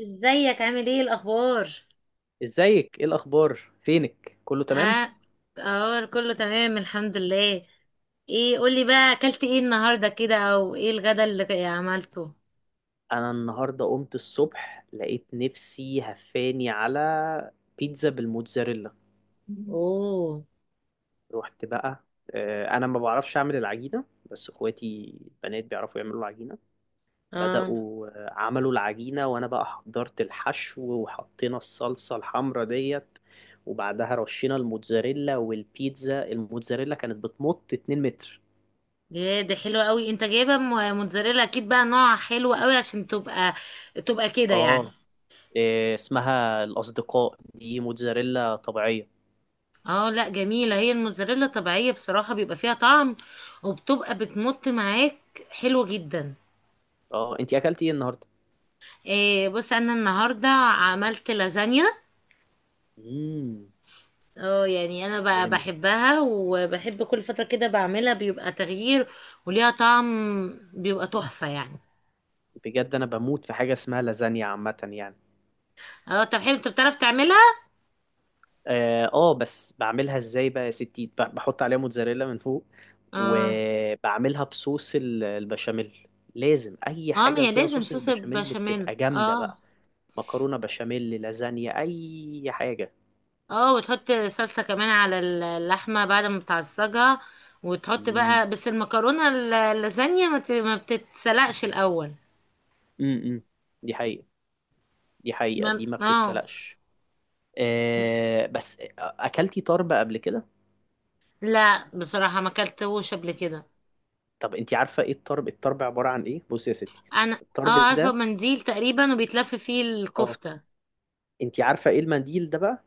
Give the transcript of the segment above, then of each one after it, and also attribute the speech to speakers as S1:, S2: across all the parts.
S1: ازيك عامل ايه الاخبار؟
S2: ازيك؟ ايه الاخبار؟ فينك؟ كله تمام؟
S1: اه. اه، كله تمام، الحمد لله. ايه قولي بقى، اكلت ايه النهارده كده، او ايه الغدا اللي عملته؟
S2: انا النهارده قمت الصبح لقيت نفسي هفاني على بيتزا بالموتزاريلا.
S1: اوه.
S2: رحت بقى. انا ما بعرفش اعمل العجينه، بس اخواتي البنات بيعرفوا يعملوا العجينه.
S1: اه.
S2: بدأوا، عملوا العجينه وانا بقى حضرت الحشو وحطينا الصلصه الحمرا ديت. وبعدها رشينا الموتزاريلا، والبيتزا الموتزاريلا كانت بتمط 2 متر.
S1: يا ده حلو قوي، انت جايبه موتزاريلا اكيد، بقى نوع حلو قوي عشان تبقى كده يعني.
S2: اه. إيه اسمها الأصدقاء دي، موتزاريلا طبيعية.
S1: اه، لا، جميله هي الموتزاريلا طبيعيه، بصراحه بيبقى فيها طعم وبتبقى بتمط معاك، حلو جدا.
S2: اه، انتي أكلتي ايه النهاردة؟
S1: إيه بص، انا النهارده عملت لازانيا.
S2: مم.
S1: اه يعني انا
S2: جامد.
S1: بحبها، وبحب كل فترة كده بعملها، بيبقى تغيير وليها طعم بيبقى تحفة يعني.
S2: بجد أنا بموت في حاجة اسمها لازانيا عامة يعني.
S1: اه طب حلو، انت بتعرف تعملها؟
S2: اه، بس بعملها ازاي بقى يا ستي؟ بحط عليها موتزاريلا من فوق،
S1: اه.
S2: وبعملها بصوص البشاميل. لازم أي
S1: اه ما
S2: حاجة
S1: هي
S2: فيها
S1: لازم
S2: صوص
S1: صوص
S2: البشاميل اللي
S1: البشاميل
S2: بتبقى جامدة
S1: اه.
S2: بقى. مكرونة بشاميل لازانيا، أي حاجة.
S1: اه وتحط صلصة كمان على اللحمة بعد ما بتعصجها، وتحط
S2: مم.
S1: بقى بس المكرونة اللازانيا ما بتتسلقش الأول.
S2: مم. مم. دي حقيقة، دي حقيقة،
S1: ما
S2: دي ما
S1: اه.
S2: بتتسلقش. بس اكلتي طرب قبل كده؟
S1: لا بصراحة ما اكلتهوش قبل كده.
S2: طب انت عارفه ايه الطرب؟ الطرب عباره عن ايه؟ بصي يا ستي،
S1: انا اه
S2: الطرب
S1: عارفة
S2: ده.
S1: منديل تقريبا، وبيتلف فيه
S2: اه.
S1: الكفتة.
S2: انت عارفه ايه المنديل ده بقى؟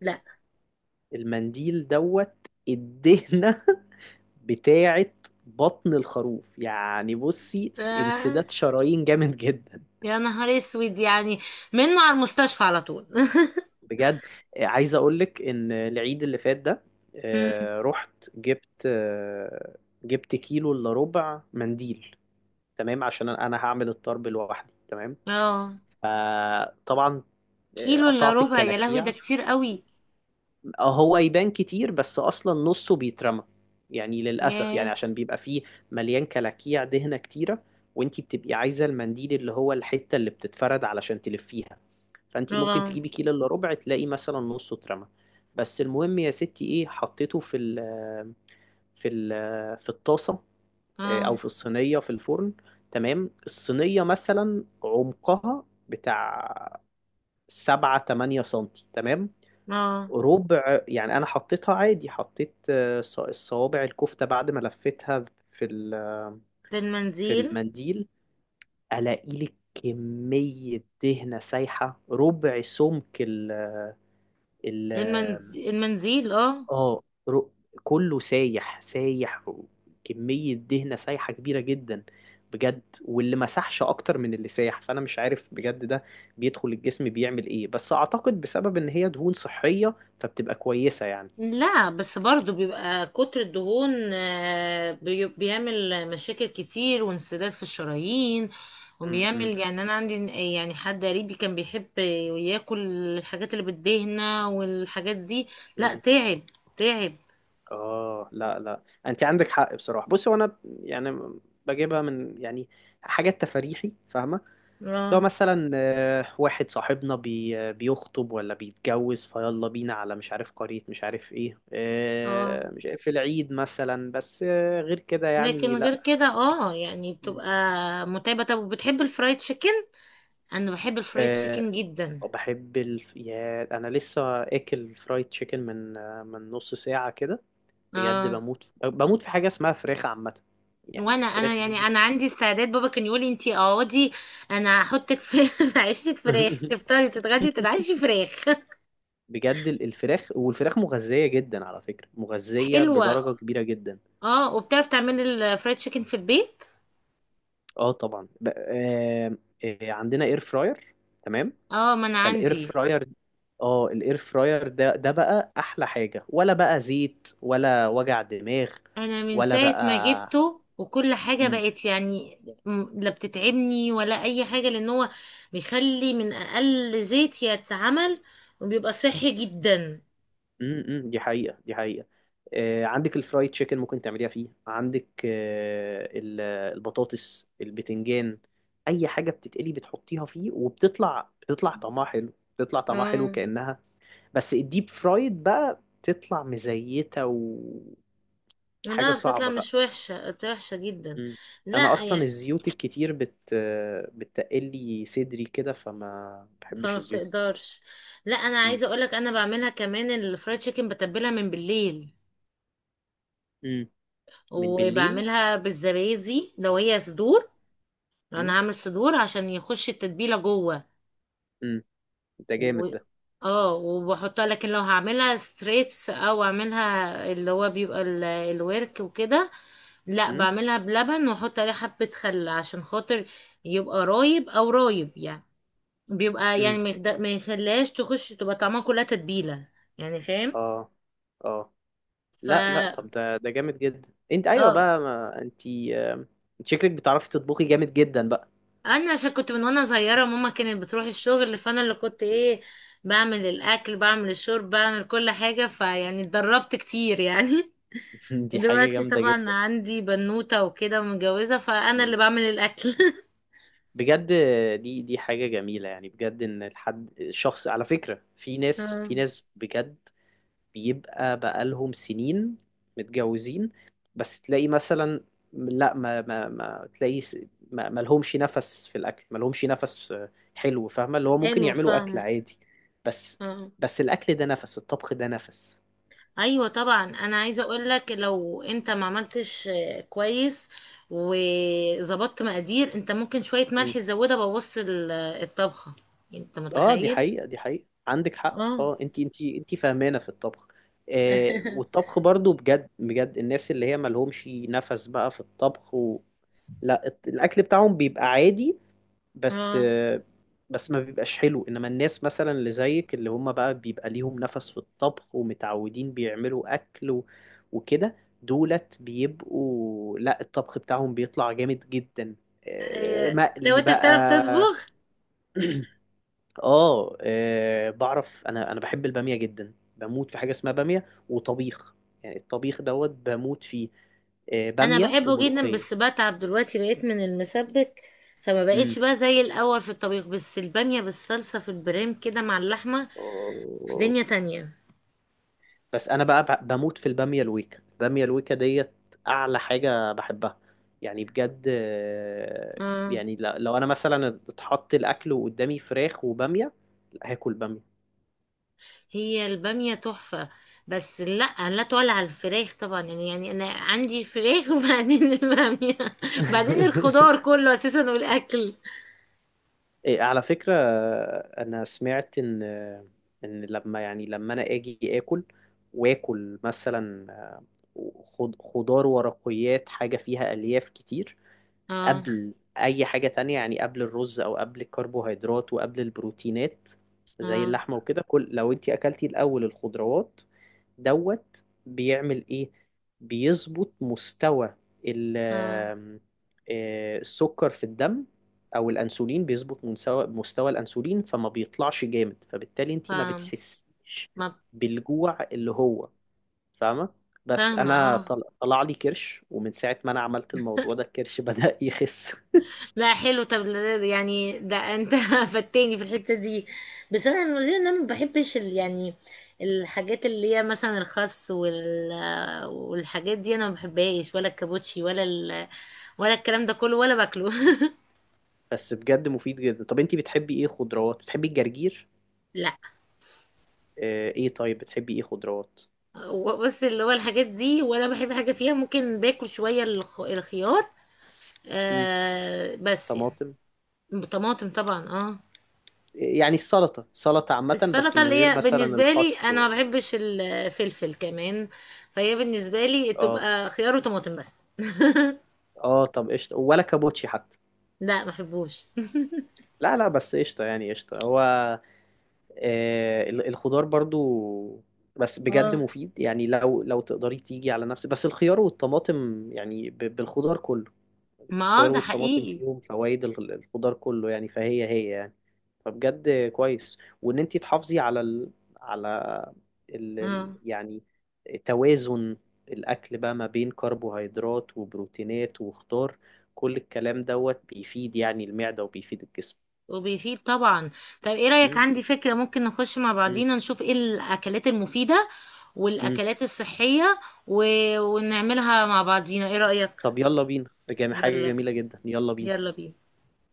S1: لا.
S2: المنديل دوت، الدهنه بتاعه بطن الخروف يعني. بصي،
S1: آه،
S2: انسداد شرايين جامد جدا.
S1: يا نهار اسود يعني، منه على المستشفى على طول
S2: بجد. عايز اقول لك ان العيد اللي فات ده،
S1: مم.
S2: رحت جبت كيلو الا ربع منديل. تمام، عشان انا هعمل الطرب لوحدي. تمام،
S1: اه
S2: فطبعا
S1: كيلو الا
S2: قطعت
S1: ربع، يا لهوي ده
S2: الكلاكيع.
S1: كتير قوي.
S2: هو يبان كتير بس اصلا نصه بيترمى، يعني للاسف، يعني
S1: ياه.
S2: عشان بيبقى فيه مليان كلاكيع، دهنة كتيرة. وانتي بتبقي عايزة المنديل اللي هو الحتة اللي بتتفرد علشان تلفيها. فانتي ممكن
S1: اه.
S2: تجيبي كيلو الا ربع، تلاقي مثلا نصه اترمى. بس المهم يا ستي، ايه، حطيته في الطاسة،
S1: اه.
S2: او في الصينية في الفرن. تمام. الصينية مثلا عمقها بتاع 7 8 سنتي، تمام،
S1: اه
S2: ربع يعني. أنا حطيتها عادي، حطيت الصوابع الكفتة بعد ما لفيتها في
S1: ده
S2: في
S1: المنديل.
S2: المنديل، ألاقي لك كمية دهنة سايحة ربع سمك ال
S1: المنديل اه.
S2: اه ر- كله سايح سايح. كمية دهنة سايحة كبيرة جدا بجد، واللي مسحش أكتر من اللي سايح. فأنا مش عارف بجد ده بيدخل الجسم بيعمل إيه، بس أعتقد بسبب إن هي دهون صحية فبتبقى كويسة يعني.
S1: لا بس برضو بيبقى كتر الدهون، بيعمل مشاكل كتير وانسداد في الشرايين،
S2: مم، مم،
S1: وبيعمل يعني، انا عندي يعني حد قريبي كان بيحب ياكل الحاجات اللي بتدهنه والحاجات دي، لا
S2: مم.
S1: تعب، تعب.
S2: اه، لا لا، انت عندك حق بصراحه. بصي، وانا يعني بجيبها من يعني حاجات تفريحي، فاهمه. لو
S1: اه.
S2: مثلا واحد صاحبنا بي آه، بيخطب ولا بيتجوز فيلا بينا على مش عارف قريه، مش عارف ايه،
S1: اه
S2: مش عارف، في العيد مثلا، بس غير كده يعني
S1: لكن غير
S2: لا.
S1: كده، اه يعني
S2: مم.
S1: بتبقى متعبة. طب وبتحب الفرايد تشيكن؟ انا بحب الفرايد
S2: آه،
S1: تشيكن جدا.
S2: بحب يا انا لسه اكل فرايد تشيكن من من نص ساعه كده. بجد،
S1: اه
S2: بموت في حاجه اسمها فراخ عامه، يعني
S1: وانا
S2: الفراخ
S1: يعني
S2: دي.
S1: انا عندي استعداد، بابا كان يقولي انتي اقعدي، انا هحطك في في عيشه فراخ، تفطري وتتغدي وتتعشي فراخ
S2: بجد الفراخ، والفراخ مغذية جدا على فكرة، مغذية
S1: حلوه.
S2: بدرجة كبيرة جدا.
S1: اه وبتعرف تعملي الفرايد تشيكن في البيت؟
S2: اه طبعا. عندنا اير فراير، تمام.
S1: اه ما انا
S2: فالاير
S1: عندي.
S2: فراير، اه الاير فراير ده بقى احلى حاجة، ولا بقى زيت، ولا وجع دماغ،
S1: انا من
S2: ولا
S1: ساعه ما
S2: بقى.
S1: جبته وكل حاجه بقت يعني لا بتتعبني ولا اي حاجه، لان هو بيخلي من اقل زيت يتعمل، وبيبقى صحي جدا.
S2: دي حقيقة، دي حقيقة. عندك الفرايد تشيكن ممكن تعمليها فيه، عندك البطاطس، البتنجان، أي حاجة بتتقلي بتحطيها فيه وبتطلع طعمها حلو. بتطلع طعمها حلو
S1: اه
S2: كأنها بس الديب فرايد بقى بتطلع مزيتة وحاجة
S1: لا بتطلع
S2: صعبة بقى.
S1: مش وحشه، بتبقى وحشه جدا،
S2: مم. أنا
S1: لا
S2: أصلا
S1: يعني
S2: الزيوت الكتير بت آه، بتقلي صدري كده، فما بحبش
S1: فما
S2: الزيوت الكتير.
S1: بتقدرش. لا انا
S2: مم.
S1: عايزه اقولك انا بعملها كمان الفرايد تشيكن، بتبلها من بالليل
S2: مم. من بالليل.
S1: وبعملها بالزبادي لو هي صدور. لو انا
S2: مم.
S1: هعمل صدور عشان يخش التتبيله جوه
S2: مم. ده
S1: و...
S2: جامد ده.
S1: اه وبحطها. لكن لو هعملها ستريبس او اعملها اللي هو بيبقى ال... الورك وكده، لا
S2: امم،
S1: بعملها بلبن واحط عليه حبه خل عشان خاطر يبقى رايب او رايب يعني، بيبقى
S2: امم.
S1: يعني ما يخليهاش تخش تبقى طعمها كلها تتبيله يعني، فاهم؟
S2: اه، اه،
S1: ف
S2: لا لا، طب ده جامد جدا. انت ايوه
S1: اه.
S2: بقى، ما انت، آه، انت شكلك بتعرفي تطبخي جامد جدا بقى.
S1: انا عشان كنت من وانا صغيره، ماما كانت بتروح الشغل، فانا اللي كنت
S2: مم.
S1: ايه، بعمل الاكل بعمل الشرب بعمل كل حاجه، فيعني اتدربت كتير يعني.
S2: دي حاجة
S1: ودلوقتي
S2: جامدة
S1: طبعا
S2: جدا.
S1: عندي بنوته وكده ومتجوزه، فانا
S2: مم.
S1: اللي بعمل الاكل
S2: بجد دي حاجة جميلة، يعني بجد، ان الحد الشخص، على فكرة، في ناس،
S1: آه،
S2: في ناس بجد بيبقى بقالهم سنين متجوزين، بس تلاقي مثلا، لا، ما تلاقي، ما لهمش نفس في الاكل، ما لهمش نفس حلو، فاهمه، اللي هو ممكن
S1: حلو
S2: يعملوا اكل
S1: فاهمه.
S2: عادي بس
S1: آه.
S2: بس الاكل ده نفس، الطبخ ده نفس.
S1: ايوه طبعا، انا عايزه اقول لك لو انت ما عملتش كويس وظبطت مقادير، انت ممكن شويه
S2: مم.
S1: ملح تزودها بوص الطبخه. انت
S2: اه، دي
S1: متخيل؟
S2: حقيقه، دي حقيقه، عندك حق
S1: اه.
S2: اه. انت فاهمانه في الطبخ، والطبخ برضو بجد. الناس اللي هي ما لهمش نفس بقى في الطبخ و... لا، الاكل بتاعهم بيبقى عادي بس،
S1: اه.
S2: ما بيبقاش حلو. انما الناس مثلا اللي زيك، اللي هم بقى بيبقى ليهم نفس في الطبخ ومتعودين بيعملوا اكل وكده، دولت بيبقوا، لا، الطبخ بتاعهم بيطلع جامد جدا،
S1: آه، طب
S2: مقلي
S1: انت بتعرف
S2: بقى.
S1: تطبخ؟
S2: اه بعرف. انا بحب البامية جدا، بموت في حاجة اسمها بامية وطبيخ، يعني الطبيخ دوت بموت فيه.
S1: انا
S2: بامية
S1: بحبه جدا،
S2: وملوخية.
S1: بس بتعب دلوقتي بقيت من المسبك، فما بقيتش بقى زي الاول في الطبيخ، بس البامية بالصلصة في البريم كده مع اللحمة في
S2: امم.
S1: دنيا تانية.
S2: بس انا بقى بموت في الباميه الويكا، الباميه الويكا ديت اعلى حاجه بحبها، يعني بجد
S1: اه
S2: يعني لو انا مثلا اتحط الاكل وقدامي فراخ وباميه، لا، هاكل باميه.
S1: هي البامية تحفة، بس لا لا تعلى على الفراخ طبعا يعني، يعني انا عندي فراخ وبعدين البامية بعدين الخضار كله اساسا والاكل.
S2: إيه، على فكره، انا سمعت ان ان لما يعني انا اجي اكل، واكل مثلا خضار ورقيات، حاجه فيها الياف كتير
S1: اه.
S2: قبل اي حاجة تانية، يعني قبل الرز او قبل الكربوهيدرات وقبل البروتينات زي
S1: اه.
S2: اللحمة وكده. كل، لو انت اكلتي الاول الخضروات دوت، بيعمل ايه؟ بيظبط مستوى ال-
S1: اه
S2: آم، آه، السكر في الدم او الانسولين، بيظبط مستوى الانسولين فما بيطلعش جامد، فبالتالي انت ما
S1: فاهم.
S2: بتحسيش
S1: ما-
S2: بالجوع، اللي هو، فاهمة. بس
S1: فاهمة.
S2: انا
S1: اه
S2: طلع لي كرش، ومن ساعة ما انا عملت الموضوع ده الكرش بدأ يخس.
S1: لا حلو طب، يعني ده انت فتاني في الحتة دي، بس انا المزيد انا ما بحبش يعني الحاجات اللي هي مثلا الخس والحاجات دي انا ما بحبهاش، ولا الكابوتشي ولا ال... ولا الكلام ده كله ولا باكله
S2: بس بجد مفيد جدا. طب انتي بتحبي ايه خضروات؟ بتحبي الجرجير؟
S1: لا.
S2: ايه، طيب بتحبي ايه خضروات؟
S1: بص اللي هو الحاجات دي ولا بحب حاجة فيها، ممكن باكل شوية الخيار،
S2: مم.
S1: آه بس يعني
S2: طماطم،
S1: طماطم طبعا اه.
S2: يعني السلطة، سلطة عامة بس
S1: السلطة
S2: من
S1: اللي
S2: غير
S1: هي
S2: مثلا
S1: بالنسبة لي
S2: الخس
S1: أنا
S2: وال...
S1: ما بحبش الفلفل كمان، فهي بالنسبة لي
S2: اه.
S1: تبقى خيار وطماطم بس.
S2: اه، طب قشطة ولا كابوتشي حتى؟
S1: لا ما بحبوش.
S2: لا لا، بس قشطة يعني، قشطة هو الخضار برضو. بس بجد
S1: اه
S2: مفيد يعني، لو تقدري تيجي على نفسك بس الخيار والطماطم يعني، بالخضار كله.
S1: ما
S2: الخيار
S1: ده
S2: والطماطم
S1: حقيقي.
S2: فيهم فوائد الخضار كله، يعني فهي يعني فبجد كويس. وان انت تحافظي على على
S1: اه
S2: يعني توازن الاكل بقى ما بين كربوهيدرات وبروتينات وخضار. كل الكلام دوت بيفيد يعني المعدة، وبيفيد الجسم.
S1: وبيفيد طبعا. طب ايه رأيك،
S2: مم.
S1: عندي فكرة، ممكن نخش مع
S2: مم.
S1: بعضينا نشوف ايه الأكلات المفيدة
S2: مم.
S1: والأكلات الصحية و... ونعملها مع بعضينا، ايه رأيك؟
S2: طب يلا بينا، حاجة
S1: يلا بي-
S2: جميلة جدا، يلا بينا.
S1: يلا بينا.